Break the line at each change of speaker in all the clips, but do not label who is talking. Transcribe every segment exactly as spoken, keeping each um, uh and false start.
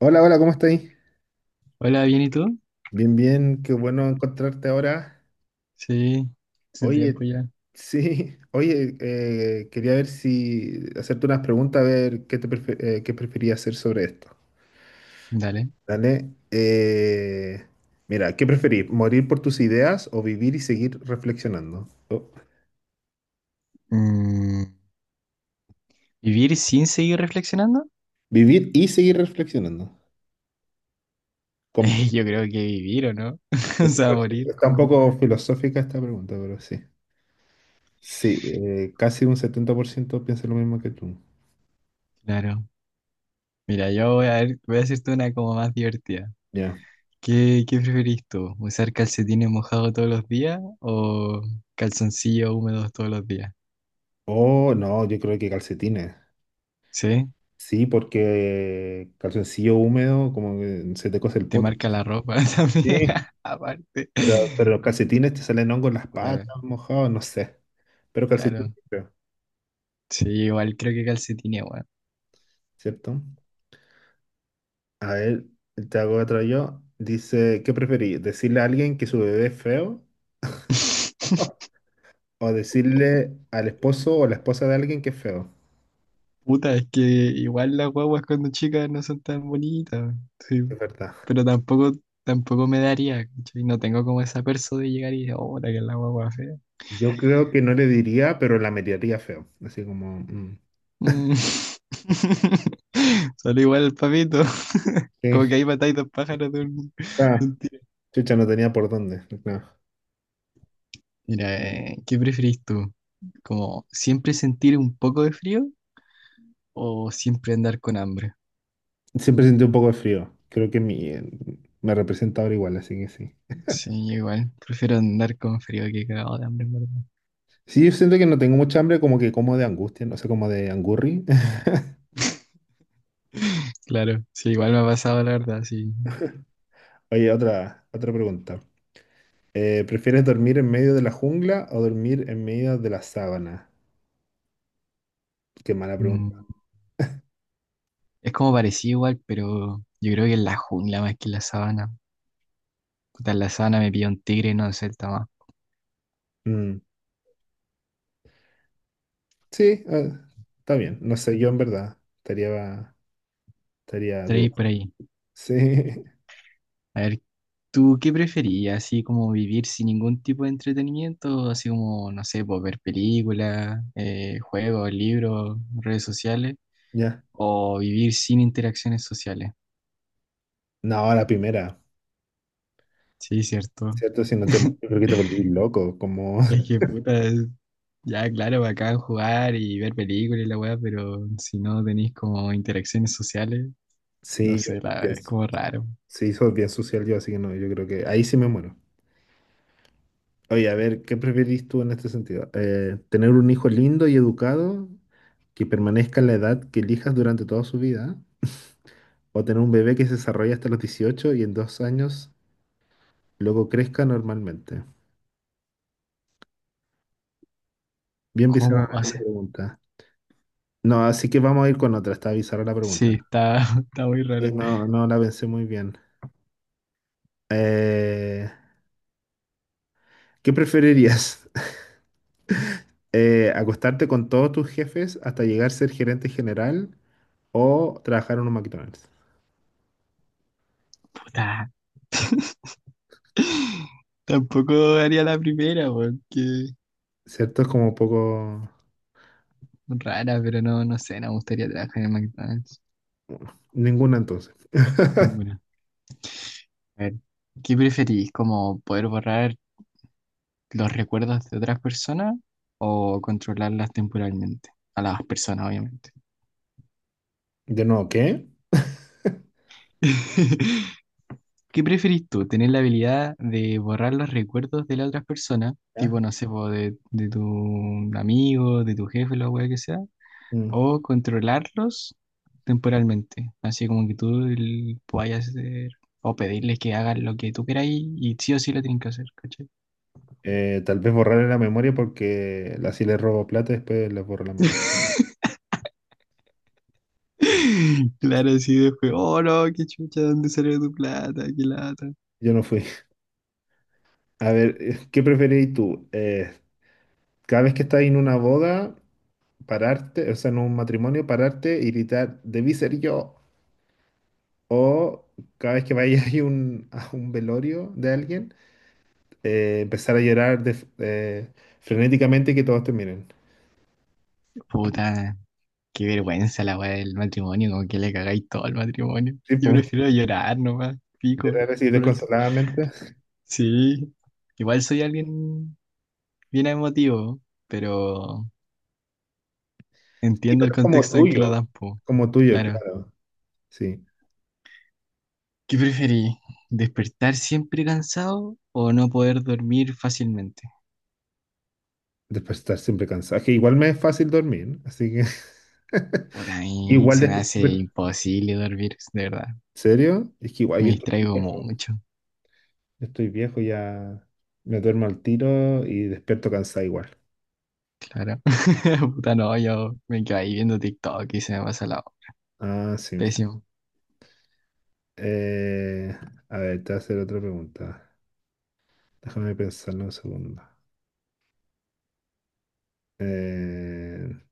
Hola, hola, ¿cómo estáis?
Hola, ¿bien y tú?
Bien, bien, qué bueno encontrarte ahora.
Sí, hace tiempo
Oye,
ya.
sí, oye, eh, quería ver si hacerte unas preguntas, a ver qué te prefe- eh, qué preferías hacer sobre esto.
Dale.
Dale. Eh, mira, ¿qué preferís? ¿Morir por tus ideas o vivir y seguir reflexionando? Oh,
Mm, ¿vivir sin seguir reflexionando?
vivir y seguir reflexionando. Como-
Eh, yo creo que vivir, ¿o no? O sea, morir
Está un
como...
poco filosófica esta pregunta, pero sí. Sí, eh, casi un setenta por ciento piensa lo mismo que tú.
Claro. Mira, yo voy a ver, voy a hacerte una como más divertida.
Ya.
¿Qué, qué preferís tú? ¿Usar calcetines mojados todos los días o calzoncillos húmedos todos los días?
Oh, no, yo creo que calcetines.
¿Sí?
Sí, porque calzoncillo húmedo, como que se te cose el
Te
poto.
marca la ropa también,
Sí,
aparte.
pero, pero los calcetines te salen hongos en las
Puta,
patas, mojados, no sé. Pero calcetines,
claro.
sí creo,
Sí, igual creo que calcetines, bueno.
¿cierto? A ver, te hago otra yo. Dice, ¿qué preferís? ¿Decirle a alguien que su bebé es feo o decirle al esposo o la esposa de alguien que es feo?
Puta, es que igual las guaguas cuando chicas no son tan bonitas, sí.
Es verdad.
Pero tampoco, tampoco me daría, ¿cachai? No tengo como esa perso de llegar y decir, oh, puta, que es la guagua fea.
Yo creo que no le diría, pero la miraría feo. Así como, mm,
Mm. Solo igual el papito. Como
sí,
que ahí matáis dos pájaros de un, de
ah,
un tiro.
chucha, no tenía por dónde. No.
Mira, eh, ¿qué preferís tú? ¿Como siempre sentir un poco de frío o siempre andar con hambre?
Siempre sentí un poco de frío. Creo que mi, eh, me representa ahora igual, así que sí.
Sí, igual. Prefiero andar con frío que cagado de hambre, en verdad.
Sí, yo siento que no tengo mucha hambre, como que como de angustia, no sé, como de angurri.
Claro, sí, igual me ha pasado, la verdad, sí.
Oye, otra, otra pregunta. Eh, ¿prefieres dormir en medio de la jungla o dormir en medio de la sábana? Qué mala pregunta.
Mm, Es como parecido igual, pero yo creo que en la jungla más que en la sabana. Puta, en la sabana me pilla un tigre, no sé, está más.
Mm, sí, eh, está bien. No sé, yo en verdad estaría, estaría
Tres
dudoso.
por ahí.
Sí,
A ver, ¿tú qué preferías? ¿Así como vivir sin ningún tipo de entretenimiento? Así como, no sé, pues, ver películas, eh, juegos, libros, redes sociales.
ya.
¿O vivir sin interacciones sociales?
No, la primera,
Sí, cierto.
¿cierto? Si no te, yo creo que te volví loco, como...
Es que puta, ya, claro, bacán jugar y ver películas y la weá, pero si no tenéis como interacciones sociales, no
Sí, yo
sé,
creo
la,
que.
es como raro.
Sí, soy bien social yo, así que no, yo creo que ahí sí me muero. Oye, a ver, ¿qué preferís tú en este sentido? Eh, ¿tener un hijo lindo y educado que permanezca en la edad que elijas durante toda su vida? ¿O tener un bebé que se desarrolla hasta los dieciocho y en dos años luego crezca normalmente? Bien bizarra
¿Cómo?
la
O
la
sea,
pregunta. No, así que vamos a ir con otra, está bizarra la pregunta.
sí, está, está muy
Sí,
rara.
no, no la pensé muy bien. Eh, ¿Qué preferirías? Eh, ¿acostarte con todos tus jefes hasta llegar a ser gerente general? O trabajar en un McDonald's.
Puta, tampoco haría la primera, porque
¿Cierto? Es como poco...
rara, pero no, no sé, no me gustaría trabajar en McDonald's.
Ninguna entonces.
Ninguna. A ver, ¿qué preferís? ¿Como poder borrar los recuerdos de otras personas o controlarlas temporalmente? A las personas, obviamente.
De nuevo, ¿qué?
¿Qué preferís tú? ¿Tener la habilidad de borrar los recuerdos de las otras personas? Tipo,
¿Ya?
no sé, po, de, de tu amigo, de tu jefe, lo que sea.
Mm.
O controlarlos temporalmente. Así como que tú el- puedas hacer o pedirles que hagan lo que tú queráis y sí o sí lo tienen que hacer, ¿cachai?
Eh, tal vez borrarle la memoria porque así le robo plata y después les borro la memoria.
Claro, sí, después, oh no, qué chucha, ¿dónde salió tu plata? Qué lata.
Yo no fui. A ver, eh, ¿qué preferís tú? Eh, cada vez que estás en una boda, pararte, o sea, en un matrimonio, pararte y gritar, debí ser yo. O cada vez que vayas a un, a un velorio de alguien, eh, empezar a llorar de- eh, frenéticamente y que todos te miren.
Puta, qué vergüenza la weá del matrimonio, como que le cagáis todo al matrimonio.
Sí,
Yo
po.
prefiero llorar nomás,
De
pico.
rara, sí,
por el-
desconsoladamente.
Sí, igual soy alguien bien emotivo, pero
Sí,
entiendo el
pero es como
contexto en que lo
tuyo.
dan, po.
Como tuyo,
Claro.
claro. Sí.
¿Qué preferí? ¿Despertar siempre cansado o no poder dormir fácilmente?
Después de estar siempre cansado. Que igual me es fácil dormir, ¿no? Así que.
Por a mí
Igual
se
de.
me hace
¿En
imposible dormir, de verdad.
serio? Es que igual
Me
yo estoy
distraigo
viejo.
mucho,
Yo estoy viejo, ya me duermo al tiro y despierto cansado igual.
claro. Puta, no, yo me quedo ahí viendo TikTok y se me pasa la...
Ah, sí.
Pésimo.
Eh, a ver, te voy a hacer otra pregunta. Déjame pensarlo un segundo. Eh,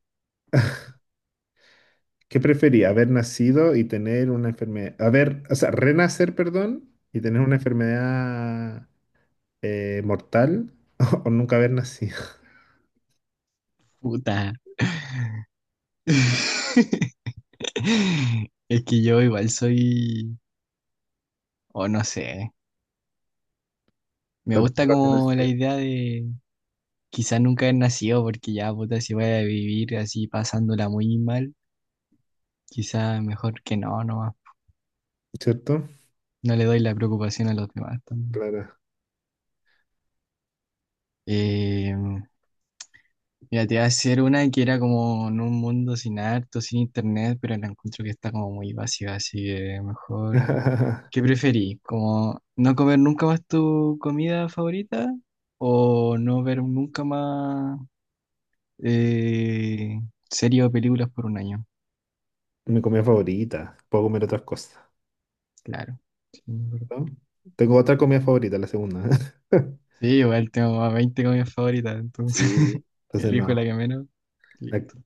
¿Qué prefería? ¿Haber nacido y tener una enfermedad? Haber, o sea, renacer, perdón, y tener una enfermedad eh, mortal o nunca haber nacido.
Puta. Es que yo igual soy, o no sé, me gusta
Nunca haber
como la
nacido.
idea de quizás nunca haber nacido porque ya, puta, si voy a vivir así pasándola muy mal, quizás mejor que no, no,
¿Cierto?
no le doy la preocupación a los demás también.
Claro.
Eh, mira, te voy a hacer una que era como en un mundo sin arte, sin internet, pero la encuentro que está como muy vacía, así que mejor ¿qué preferís? ¿Como no comer nunca más tu comida favorita o no ver nunca más eh, series o películas por un año?
Mi comida favorita. Puedo comer otras cosas,
Claro. Sí, es verdad.
¿no? Tengo otra comida favorita, la segunda.
Sí, igual tengo más veinte comidas favoritas, entonces
Sí. Entonces
elijo la
no.
que menos.
Ac-
Listo.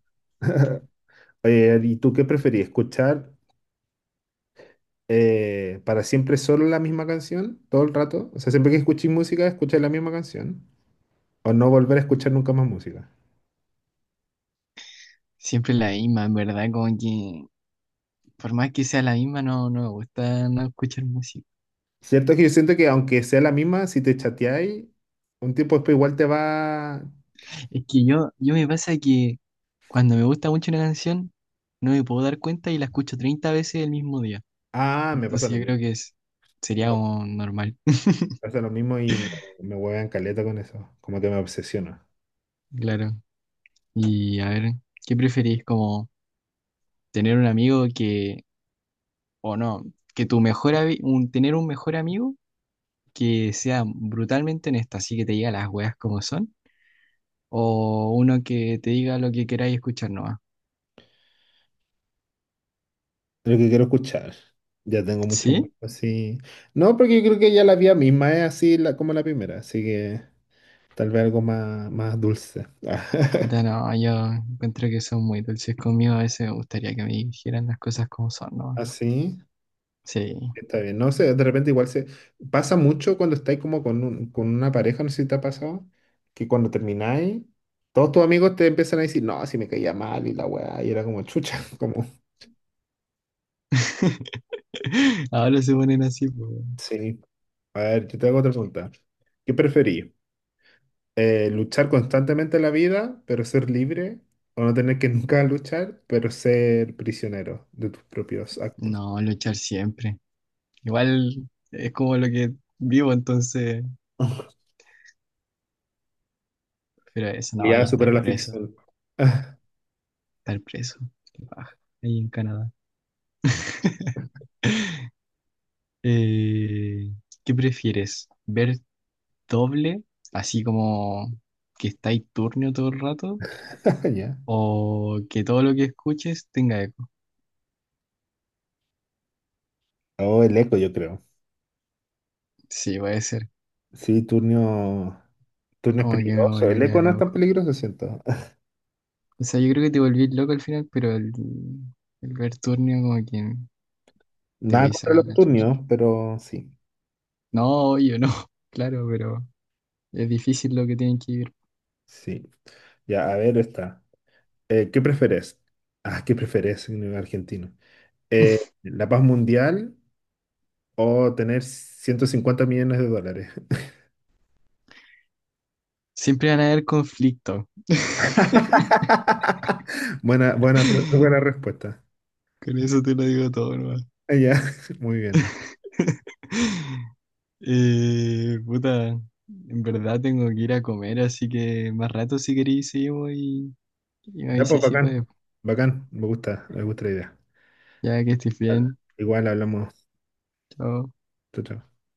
Oye, ¿y tú qué preferís? ¿Escuchar eh, para siempre solo la misma canción todo el rato? O sea, siempre que escuches música, escuchas la misma canción. O no volver a escuchar nunca más música.
Siempre la misma, en verdad, como que por más que sea la misma, no, no me gusta no escuchar música.
Cierto que yo siento que aunque sea la misma, si te chateáis, un tiempo después igual te va...
Es que yo, yo me pasa que cuando me gusta mucho una canción, no me puedo dar cuenta y la escucho treinta veces el mismo día.
Ah, me pasa
Entonces
lo
yo creo
mismo.
que es, sería
Me
como normal,
pasa lo mismo y me, me huevean caleta con eso. Como que me obsesiona.
claro. Y a ver, ¿qué preferís? Como tener un amigo que, o no, que tu mejor ami- un, tener un mejor amigo que sea brutalmente honesto, así que te diga las weas como son, o uno que te diga lo que queráis escuchar nomás.
Lo que quiero escuchar. Ya tengo mucho más
¿Sí?
así. No, porque yo creo que ya la vía misma es así la, como la primera. Así que tal vez algo más, más dulce.
Puta, no, yo encuentro que son muy dulces conmigo, a veces me gustaría que me dijeran las cosas como son, ¿no?
Así.
Sí.
Está bien, no sé, de repente igual se pasa mucho cuando estáis como con, un- con una pareja, no sé si te ha pasado, que cuando termináis, todos tus amigos te empiezan a decir, no, si me caía mal y la weá, y era como chucha, como,
Ahora se ponen así, pues.
sí. A ver, yo te hago otra pregunta. ¿Qué preferís? Eh, ¿luchar constantemente en la vida, pero ser libre? ¿O no tener que nunca luchar, pero ser prisionero de tus propios actos?
No, luchar siempre. Igual es como lo que vivo, entonces. Pero eso no, ahí
Ya
estar
supera la
preso.
ficción.
Estar preso. Qué paja. Ahí en Canadá. Eh, ¿qué prefieres? ¿Ver doble, así como que estáis turnio todo el rato?
Ya.
¿O que todo lo que escuches tenga eco?
Oh, el eco, yo creo.
Sí, puede ser.
Sí, turno. Turnio es
Como que me
peligroso. El
volvería
eco no es tan
loco.
peligroso, siento.
O sea, yo creo que te volví loco al final, pero el, el ver turnio como que te voy
Nada
a
contra
sacar
los
la chucha.
turnios, pero sí.
No, yo no, claro, pero es difícil lo que tienen que vivir.
Sí. Ya, a ver, está. ¿Qué prefieres? Ah, ¿qué prefieres en el argentino? Eh, ¿la paz mundial o tener ciento cincuenta millones de dólares?
Siempre van a haber conflictos.
Buena, buena, pre- buena respuesta.
Con eso te lo digo todo, nomás.
Ah, ya, muy bien.
Eh, puta, en verdad tengo que ir a comer, así que más rato si queréis seguimos y, y me
Ya, pues
avisáis si
bacán.
puedes.
Bacán, me gusta, me gusta la idea.
Ya que estés bien.
Igual hablamos.
Chao.
Chao, chao.